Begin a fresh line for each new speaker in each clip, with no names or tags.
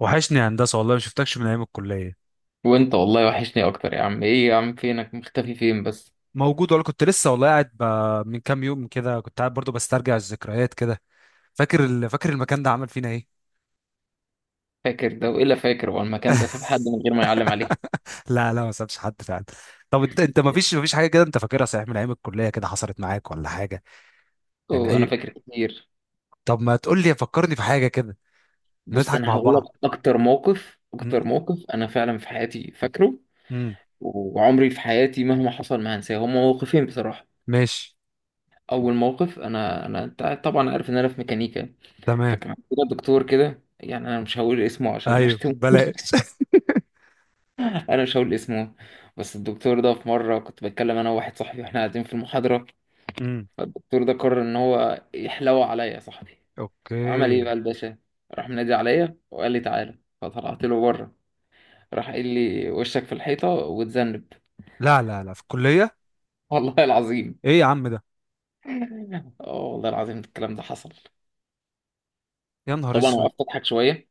وحشني يا هندسه والله ما شفتكش من ايام الكليه.
وانت والله وحشني اكتر يا عم، ايه يا عم، فينك مختفي فين بس؟
موجود والله، كنت لسه والله قاعد من كام يوم كده كنت قاعد برضو بسترجع الذكريات كده. فاكر فاكر المكان ده عمل فينا ايه؟
فاكر ده والا فاكر هو المكان ده ساب حد من غير ما يعلم عليه؟
لا لا، ما سابش حد فعلا. طب انت ما فيش حاجه كده انت فاكرها صحيح من ايام الكليه كده حصلت معاك ولا حاجه؟ يعني
اوه انا
اي.
فاكر كتير.
طب ما تقول لي، فكرني في حاجه كده
بص
نضحك
انا
مع
هقول لك.
بعض.
اكتر موقف اكتر
امم
موقف انا فعلا في حياتي فاكره،
امم
وعمري في حياتي مهما حصل ما هنساه، هما موقفين بصراحة.
ماشي.
اول موقف، انا انت طبعا عارف ان انا في ميكانيكا.
تمام.
فكان عندنا دكتور كده، يعني انا مش هقول اسمه عشان ما
ايوه
اشتموش.
بلاش.
انا مش هقول اسمه. بس الدكتور ده في مرة كنت بتكلم انا وواحد صاحبي واحنا قاعدين في المحاضرة،
امم
فالدكتور ده قرر ان هو يحلو عليا يا صاحبي. وعمل ايه
اوكي.
بقى الباشا؟ راح منادي عليا وقال لي تعالى، فطلعت له بره. راح قال لي وشك في الحيطه وتذنب.
لا لا لا، في الكليه؟
والله العظيم.
ايه يا عم ده!
اه والله العظيم الكلام ده حصل.
يا نهار
طبعا
اسود!
وقفت اضحك شويه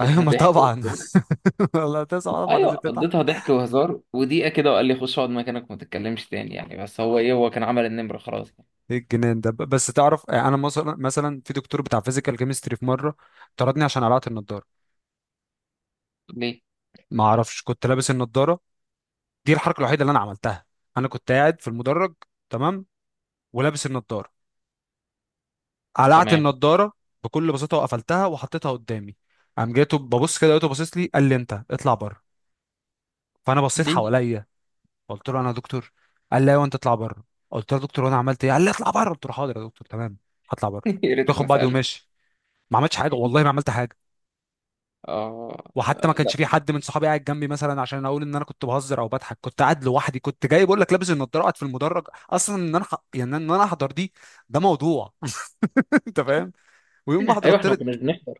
ايوه ما
ضحك.
طبعا. والله تسعه طبعا
ايوه
لازم تتعب.
قضيتها ضحك وهزار ودقيقه كده، وقال لي خش اقعد مكانك وما تتكلمش تاني، يعني بس هو ايه، هو كان عمل النمره خلاص يعني.
ايه الجنان ده؟ بس تعرف، انا مثلا في دكتور بتاع فيزيكال كيمستري في مره طردني عشان قلعت النضاره.
ليه؟
ما اعرفش، كنت لابس النضاره، دي الحركه الوحيده اللي انا عملتها. انا كنت قاعد في المدرج، تمام، ولابس النضاره، قلعت
تمام.
النضاره بكل بساطه وقفلتها وحطيتها قدامي. قام جاته ببص كده، لقيته باصص لي، قال لي انت اطلع بره. فانا بصيت
ليه؟
حواليا، قلت له انا يا دكتور؟ قال لا، وانت اطلع بره. قلت له يا دكتور وانا عملت ايه؟ قال لي اطلع بره. قلت له حاضر يا دكتور، تمام، هطلع بره.
يا ريتك ما
باخد بعضي
سالت.
وماشي، ما عملتش حاجه، والله ما عملت حاجه.
اه
وحتى ما
لا.
كانش في حد من صحابي قاعد جنبي مثلا عشان اقول ان انا كنت بهزر او بضحك. كنت قاعد لوحدي، كنت جاي بقول لك، لابس النضاره قاعد في المدرج. اصلا ان انا يعني ان انا احضر دي ده موضوع. انت فاهم؟ ويوم ما احضر
ايوه احنا ما
طرت.
كناش بنحضر.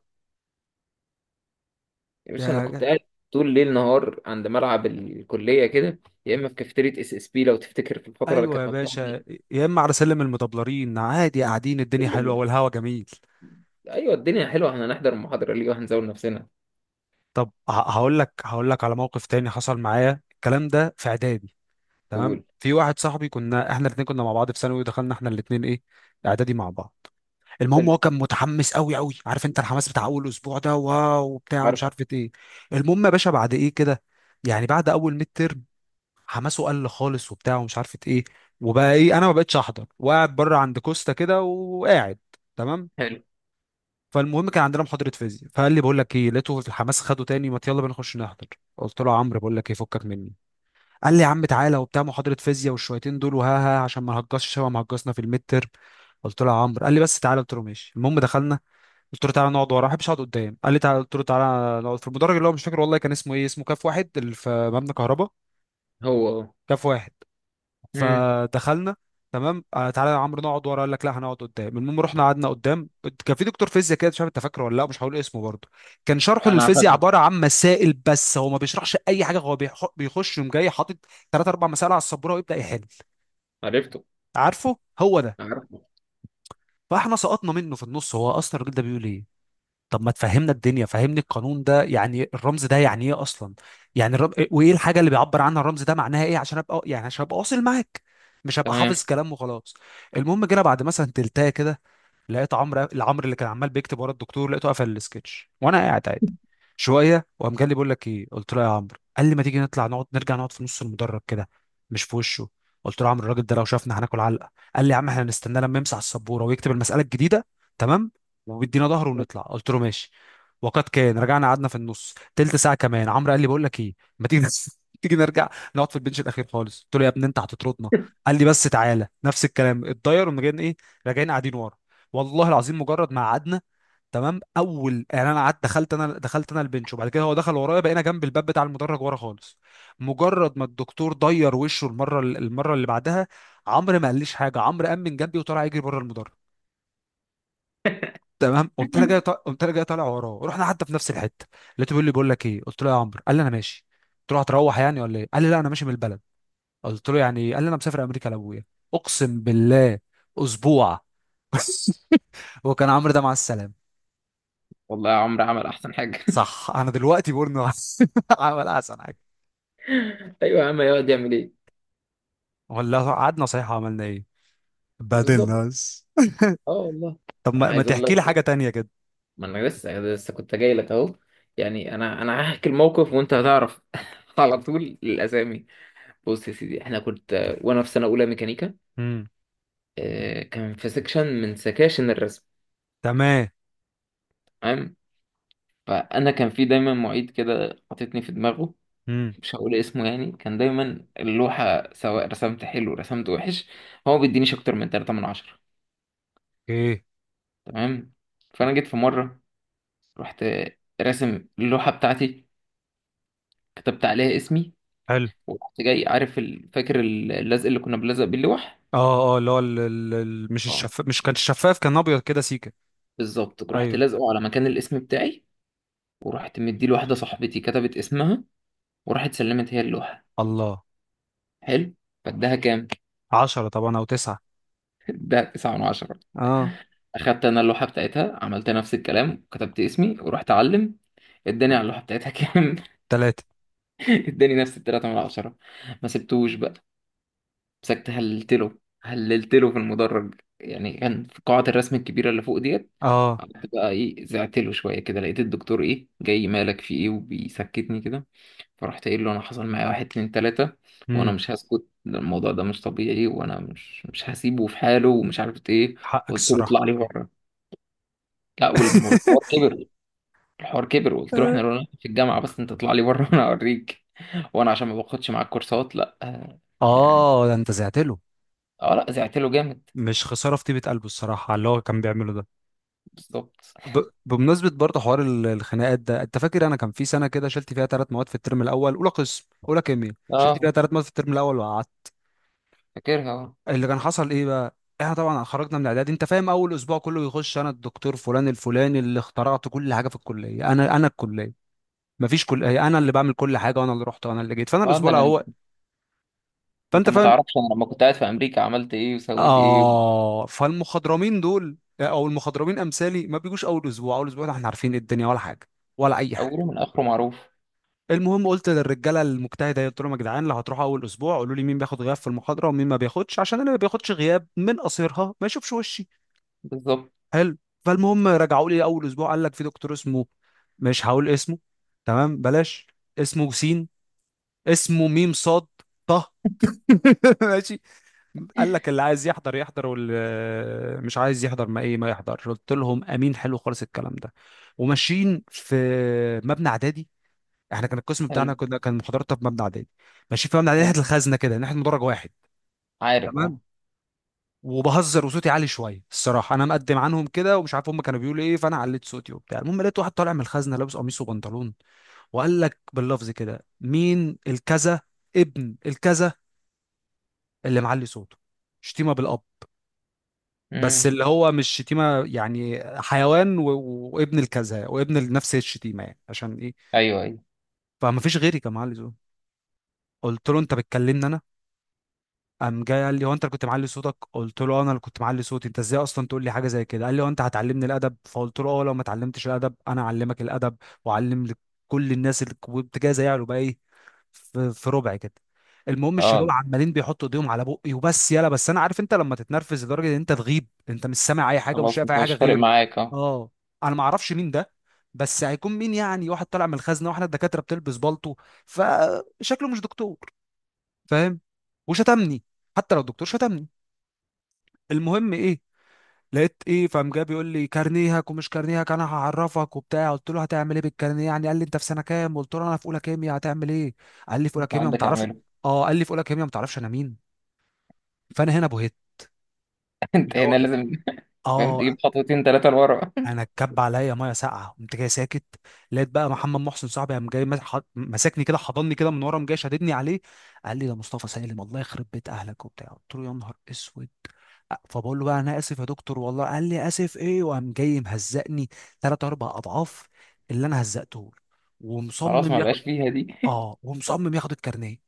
يا باشا انا كنت
يا-
قاعد طول ليل نهار عند ملعب الكليه كده، يا اما في كافيتيريا اس اس بي لو تفتكر في الفتره اللي
ايوه يا
كانت مفتوحه
باشا،
فيها.
يا اما على سلم المدبلرين عادي قاعدين، الدنيا حلوه
لما-
والهوا جميل.
ايوه الدنيا حلوه، احنا هنحضر المحاضره ليه وهنزود نفسنا.
طب هقول لك على موقف تاني حصل معايا الكلام ده في اعدادي. تمام،
تقول.
في واحد صاحبي كنا احنا الاثنين كنا مع بعض في ثانوي ودخلنا احنا الاثنين ايه اعدادي مع بعض. المهم
حلو.
هو كان متحمس قوي قوي، عارف انت الحماس بتاع اول اسبوع ده، واو وبتاع ومش
عارف.
عارف ايه. المهم يا باشا بعد ايه كده، يعني بعد اول ميد ترم، حماسه قل خالص وبتاع ومش عارف ايه. وبقى ايه، انا ما بقتش احضر وقاعد بره عند كوستا كده وقاعد، تمام.
حلو.
فالمهم، كان عندنا محاضره فيزياء، فقال لي بقول لك ايه، لقيته في الحماس خده تاني، ما يلا بينا نخش نحضر. قلت له يا عمرو بقول لك ايه، فكك مني. قال لي يا عم تعالى وبتاع، محاضره فيزياء والشويتين دول وها ها عشان ما نهجصش شبه ما هجصنا في الميد ترم. قلت له يا عمرو. قال لي بس تعالى. قلت له ماشي. المهم دخلنا. قلت له تعالى نقعد ورا، ما بحبش اقعد قدام. قال لي تعالى. قلت له تعالى نقعد في المدرج اللي هو مش فاكر والله كان اسمه ايه، اسمه كاف واحد اللي في مبنى كهرباء.
هو هو.
كاف واحد.
امم.
فدخلنا. تمام آه تعالى يا عمرو نقعد ورا، قال لك لا هنقعد قدام. المهم رحنا قعدنا قدام. كان في دكتور فيزياء كده، مش عارف انت فاكره ولا لا، مش هقول اسمه برضه. كان شرحه
انا
للفيزياء
فاكره.
عباره عن مسائل بس، هو ما بيشرحش اي حاجه، هو بيخش يوم جاي حاطط 3 أو 4 مسائل على السبوره ويبدا يحل.
عرفته.
عارفه هو ده.
عرفته.
فاحنا سقطنا منه في النص، هو اصلا الراجل ده بيقول ايه؟ طب ما تفهمنا الدنيا، فهمني القانون ده يعني، الرمز ده يعني ايه اصلا؟ يعني وايه الحاجه اللي بيعبر عنها الرمز ده، معناها ايه عشان ابقى يعني عشان ابقى واصل معاك، مش هبقى
تمام.
حافظ كلام وخلاص. المهم جينا بعد مثلا تلتايه كده، لقيت عمرو، اللي كان عمال بيكتب ورا الدكتور، لقيته قفل السكتش وانا قاعد عادي. شويه وقام جالي بيقول لك ايه. قلت له يا عمرو. قال لي ما تيجي نطلع، نقعد، نرجع نقعد في نص المدرج كده مش في وشه. قلت له يا عمرو الراجل ده لو شافنا هناكل علقه. قال لي يا عم احنا هنستناه لما يمسح السبوره ويكتب المساله الجديده، تمام، وبيدينا ظهره ونطلع. قلت له ماشي. وقد كان، رجعنا قعدنا في النص. تلت ساعه كمان، عمرو قال لي بقول لك ايه، ما تيجي تيجي نرجع نقعد في البنش الاخير خالص. قلت له يا ابني انت هتطردنا. قال لي بس تعالى. نفس الكلام اتضير ومجان ايه، راجعين قاعدين ورا. والله العظيم مجرد ما قعدنا، تمام، اول يعني انا قعدت، دخلت انا، دخلت انا البنش وبعد كده هو دخل ورايا، بقينا جنب الباب بتاع المدرج ورا خالص. مجرد ما الدكتور ضير وشه المره اللي بعدها، عمرو ما قاليش حاجه، عمرو قام من جنبي وطلع يجري بره المدرج. تمام قمت انا جاي قمت انا جاي طالع وراه، رحنا حتى في نفس الحته. لقيته بيقول لي بقول لك ايه. قلت له يا عمرو. قال لي انا ماشي. قلت له هتروح يعني ولا ايه؟ قال لي لا، انا ماشي من البلد. قلت له يعني إيه؟ قال لي انا مسافر امريكا لابويا، اقسم بالله، اسبوع. وكان عمرو ده مع السلامه.
والله يا عمرو عمل احسن حاجه.
صح، انا دلوقتي بورنو. عمل احسن حاجه.
ايوه يا عم يقعد يعمل ايه.
ولا هو قعدنا صحيح عملنا ايه،
بالظبط.
بدلنا بس.
اه والله.
طب
أنا
ما
عايز اقول
تحكي لي
لك،
حاجه تانية كده.
ما انا لسه كنت جاي لك اهو، يعني انا هحكي الموقف وانت هتعرف. على طول الاسامي. بص يا سيدي احنا كنت وانا في سنه اولى ميكانيكا.
امم.
آه، كان في سكشن من سكاشن الرسم.
تمام.
تمام. فانا كان في دايما معيد كده حاططني في دماغه،
امم.
مش هقول اسمه، يعني كان دايما اللوحه سواء رسمت حلو رسمت وحش هو بيدينيش اكتر من 3 من عشرة.
ايه.
تمام. فانا جيت في مره، رحت راسم اللوحه بتاعتي، كتبت عليها اسمي،
حلو.
ورحت جاي عارف فاكر اللزق اللي كنا بنلزق بيه اللوح.
اه اه، اللي هو مش
اه.
الشفاف، مش كان شفاف، كان ابيض كده سيكه.
بالظبط رحت
ايوه.
لازقه على مكان الاسم بتاعي، ورحت مديه لواحده صاحبتي كتبت اسمها، وراحت سلمت هي اللوحه.
الله.
حلو. فاداها كام؟
عشرة طبعا او تسعة.
اداها 9 من 10.
اه.
اخدت انا اللوحه بتاعتها، عملت نفس الكلام، كتبت اسمي ورحت اعلم. اداني على اللوحه بتاعتها كام؟
تلاتة.
اداني نفس التلاتة من 10. ما سبتوش بقى. مسكت هللت له هللت له في المدرج، يعني كان في قاعة الرسم الكبيرة اللي فوق ديت.
اه.
قعدت بقى ايه زعت له شوية كده، لقيت الدكتور ايه جاي، مالك في ايه، وبيسكتني كده. فرحت قايل له انا حصل معايا واحد اتنين تلاتة وانا
امم.
مش هسكت، ده الموضوع ده مش طبيعي وانا مش هسيبه في حاله ومش عارف ايه.
حقك
وقلت له
الصراحة.
اطلع لي بره. لا والحوار كبر. الحوار كبر وقلت له احنا لو في الجامعة بس انت اطلع لي بره، وانا اوريك، وانا عشان ما باخدش معاك كورسات، لا آه، يعني.
اه ده انت زعت له.
اه لا زعت له جامد.
مش خسارة في طيبة قلبه الصراحة على اللي هو كان بيعمله ده.
بالظبط.
بمناسبة برضه حوار الخناقات ده، انت فاكر انا كان في سنة كده شلت فيها 3 مواد في الترم الاول، اولى قسم اولى كيمياء، شلت فيها
اه
ثلاث مواد في الترم الاول وقعدت.
فاكرها اه.
اللي كان حصل ايه بقى، احنا طبعا خرجنا من اعدادي، انت فاهم، اول اسبوع كله يخش، انا الدكتور فلان الفلاني اللي اخترعت كل حاجة في الكلية، انا الكلية، مفيش كلية، انا اللي بعمل كل حاجة وانا اللي رحت وانا اللي جيت. فانا
اه
الاسبوع
ده انا.
الاول،
انت
فانت
ما
فاهم،
تعرفش انا لما كنت قاعد في امريكا عملت ايه وسويت ايه.
اه، فالمخضرمين دول او المخضرمين امثالي ما بيجوش اول اسبوع. اول اسبوع ده احنا عارفين إيه الدنيا ولا حاجة، ولا اي حاجة.
اوله من اخره معروف.
المهم قلت للرجاله المجتهده، قلت لهم يا جدعان لو هتروحوا اول اسبوع قولوا لي مين بياخد غياب في المحاضره ومين ما بياخدش، عشان اللي ما بياخدش غياب من قصيرها ما يشوفش وشي.
بالظبط.
حلو. فالمهم رجعوا لي اول اسبوع، قال لك في دكتور اسمه، مش هقول اسمه، تمام بلاش، اسمه سين، اسمه ميم صاد طه. ماشي. قال لك اللي عايز يحضر يحضر واللي مش عايز يحضر ما ايه ما يحضرش. قلت لهم امين، حلو خالص الكلام ده. وماشيين في مبنى اعدادي، احنا كان القسم بتاعنا،
حلو.
كنا كان محاضراتنا في مبنى اعدادي، ماشيين في مبنى اعدادي
حلو.
ناحيه الخزنه كده، ناحيه مدرج واحد،
عارف. اه.
تمام. وبهزر وصوتي عالي شويه الصراحه، انا مقدم عنهم كده ومش عارف هم كانوا بيقولوا ايه، فانا عليت صوتي وبتاع. المهم لقيت واحد طالع من الخزنه لابس قميص وبنطلون وقال لك باللفظ كده مين الكذا ابن الكذا اللي معلي صوته، شتيمه بالاب بس
امم.
اللي هو مش شتيمه يعني، حيوان وابن الكذا وابن نفس الشتيمه يعني، عشان ايه؟
ايوه ايوه.
فما فيش غيري كان معلي صوته. قلت له انت بتكلمني انا؟ قام جاي قال لي هو انت اللي كنت معلي صوتك؟ قلت له "آه، انا اللي كنت معلي صوتي، انت ازاي اصلا تقول لي حاجه زي كده؟ قال لي هو انت هتعلمني الادب؟ فقلت له اه، لو ما اتعلمتش الادب انا اعلمك الادب واعلم لكل الناس اللي كنت جاي زيها بقى ايه في ربع كده. المهم الشباب
اه
عمالين بيحطوا ايديهم على بقي وبس يلا بس، انا عارف انت لما تتنرفز لدرجه ان انت تغيب انت مش سامع اي حاجه ومش
خلاص
شايف اي
انت
حاجه
مش فارق
غيره.
معاك اه.
اه. انا ما اعرفش مين ده، بس هيكون مين يعني، واحد طالع من الخزنه واحنا الدكاتره بتلبس بالطو، فشكله مش دكتور، فاهم، وشتمني، حتى لو الدكتور شتمني. المهم ايه، لقيت ايه، فقام جاي بيقول لي كارنيهك ومش كارنيهك انا هعرفك وبتاع. قلت له هتعمل ايه بالكارنيه يعني؟ قال لي انت في سنه كام؟ قلت له انا في اولى كيمياء، هتعمل ايه؟ قال لي في اولى
انت
كيمياء ما
عندك
تعرفش،
اعمله.
اه، قال لي في اولى كيمياء ما تعرفش انا مين. فانا هنا بهت،
انت
اللي هو
هنا
كده.
لازم. فاهم
اه،
تجيب خطوتين ثلاثه لورا.
انا اتكب عليا ميه ساقعه، قمت جاي ساكت. لقيت بقى محمد محسن صاحبي قام جاي مسكني كده حضني كده من ورا، قام جاي شاددني عليه، قال لي ده مصطفى سالم، الله يخرب بيت اهلك وبتاع. قلت له يا نهار اسود. فبقول له بقى انا اسف يا دكتور والله. قال لي اسف ايه، وقام جاي مهزقني 3 أو 4 اضعاف اللي انا هزقته له،
خلاص
ومصمم
ما
ياخد،
بقاش فيها دي.
اه ومصمم ياخد الكارنيه.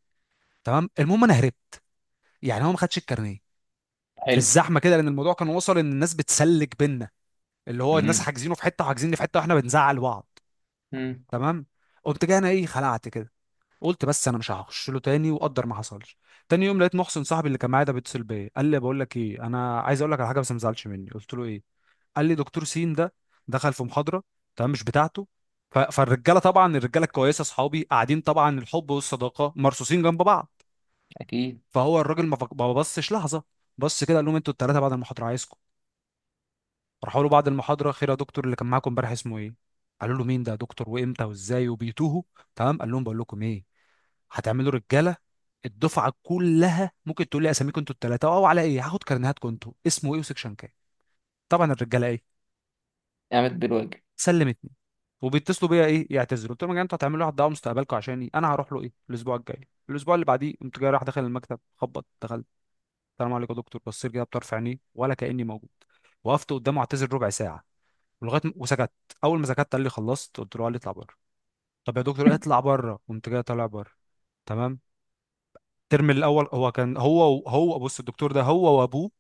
تمام المهم انا هربت، يعني هو ما خدش الكارنيه في
حلو.
الزحمه كده، لان الموضوع كان وصل ان الناس بتسلك بينا، اللي هو الناس
امم.
حاجزينه في حته وحاجزيني في حته واحنا بنزعل بعض،
امم.
تمام. قمت جاي انا ايه خلعت كده، قلت بس انا مش هخش له تاني وقدر ما حصلش. تاني يوم لقيت محسن صاحبي اللي كان معايا ده بيتصل بيا، قال لي بقول لك ايه، انا عايز اقول لك على حاجه بس ما تزعلش مني. قلت له ايه؟ قال لي دكتور سين ده دخل في محاضره تمام مش بتاعته، فالرجاله طبعا الرجاله الكويسه اصحابي قاعدين طبعا، الحب والصداقه مرصوصين جنب بعض.
اكيد.
فهو الراجل ما بصش لحظه، بص كده قال لهم انتوا الثلاثه بعد المحاضره عايزكم. راحوا له بعد المحاضره، خير يا دكتور؟ اللي كان معاكم امبارح اسمه ايه؟ قالوا له مين ده يا دكتور وامتى وازاي وبيتوه. تمام، قال لهم بقول لكم ايه، هتعملوا رجاله الدفعه كلها ممكن تقول لي اساميكم انتوا الثلاثه او على ايه هاخد كارنيهاتكم انتوا، اسمه ايه وسكشن كام. طبعا الرجاله ايه،
قامت بالواجب.
سلمتني. وبيتصلوا بيا ايه يعتذروا. قلت لهم يا جماعه انتوا هتعملوا واحد دعوه، مستقبلكم عشاني، انا هروح له ايه الاسبوع الجاي الاسبوع اللي بعديه. قمت جاي رايح داخل المكتب، خبط، دخلت، السلام عليكم يا دكتور. بصيت كده بطرف عينيه ولا كاني موجود. وقفت قدامه اعتذر ربع ساعة، ولغايه وسكت، اول ما سكت قال لي خلصت؟ قلت له. قال لي اطلع بره. طب يا دكتور، اطلع بره، قمت جاي طالع بره، تمام. الترم الاول هو كان هو بص، الدكتور ده هو وابوه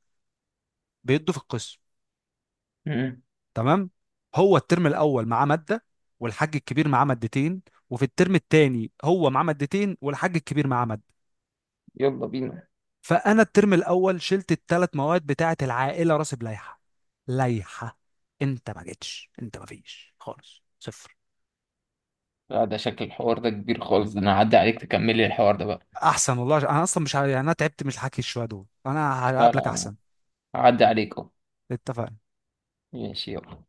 بيدوا في القسم،
امم.
تمام. هو الترم الاول معاه ماده، والحاج الكبير معاه مادتين. وفي الترم الثاني هو معاه مادتين والحاج الكبير معاه ماده.
يلا بينا.
فانا الترم الاول شلت الـ3 مواد بتاعه العائله، راسب لائحه، لائحه، انت ما جيتش، انت ما فيش خالص، صفر.
لا ده شكل الحوار ده كبير خالص، ده انا هعدي عليك تكملي الحوار ده بقى.
احسن والله، انا اصلا مش يعني انا تعبت من الحكي شويه، دول انا
لا لا
هقابلك
أنا
احسن.
هعدي عليك اهو.
اتفقنا.
ماشي يلا.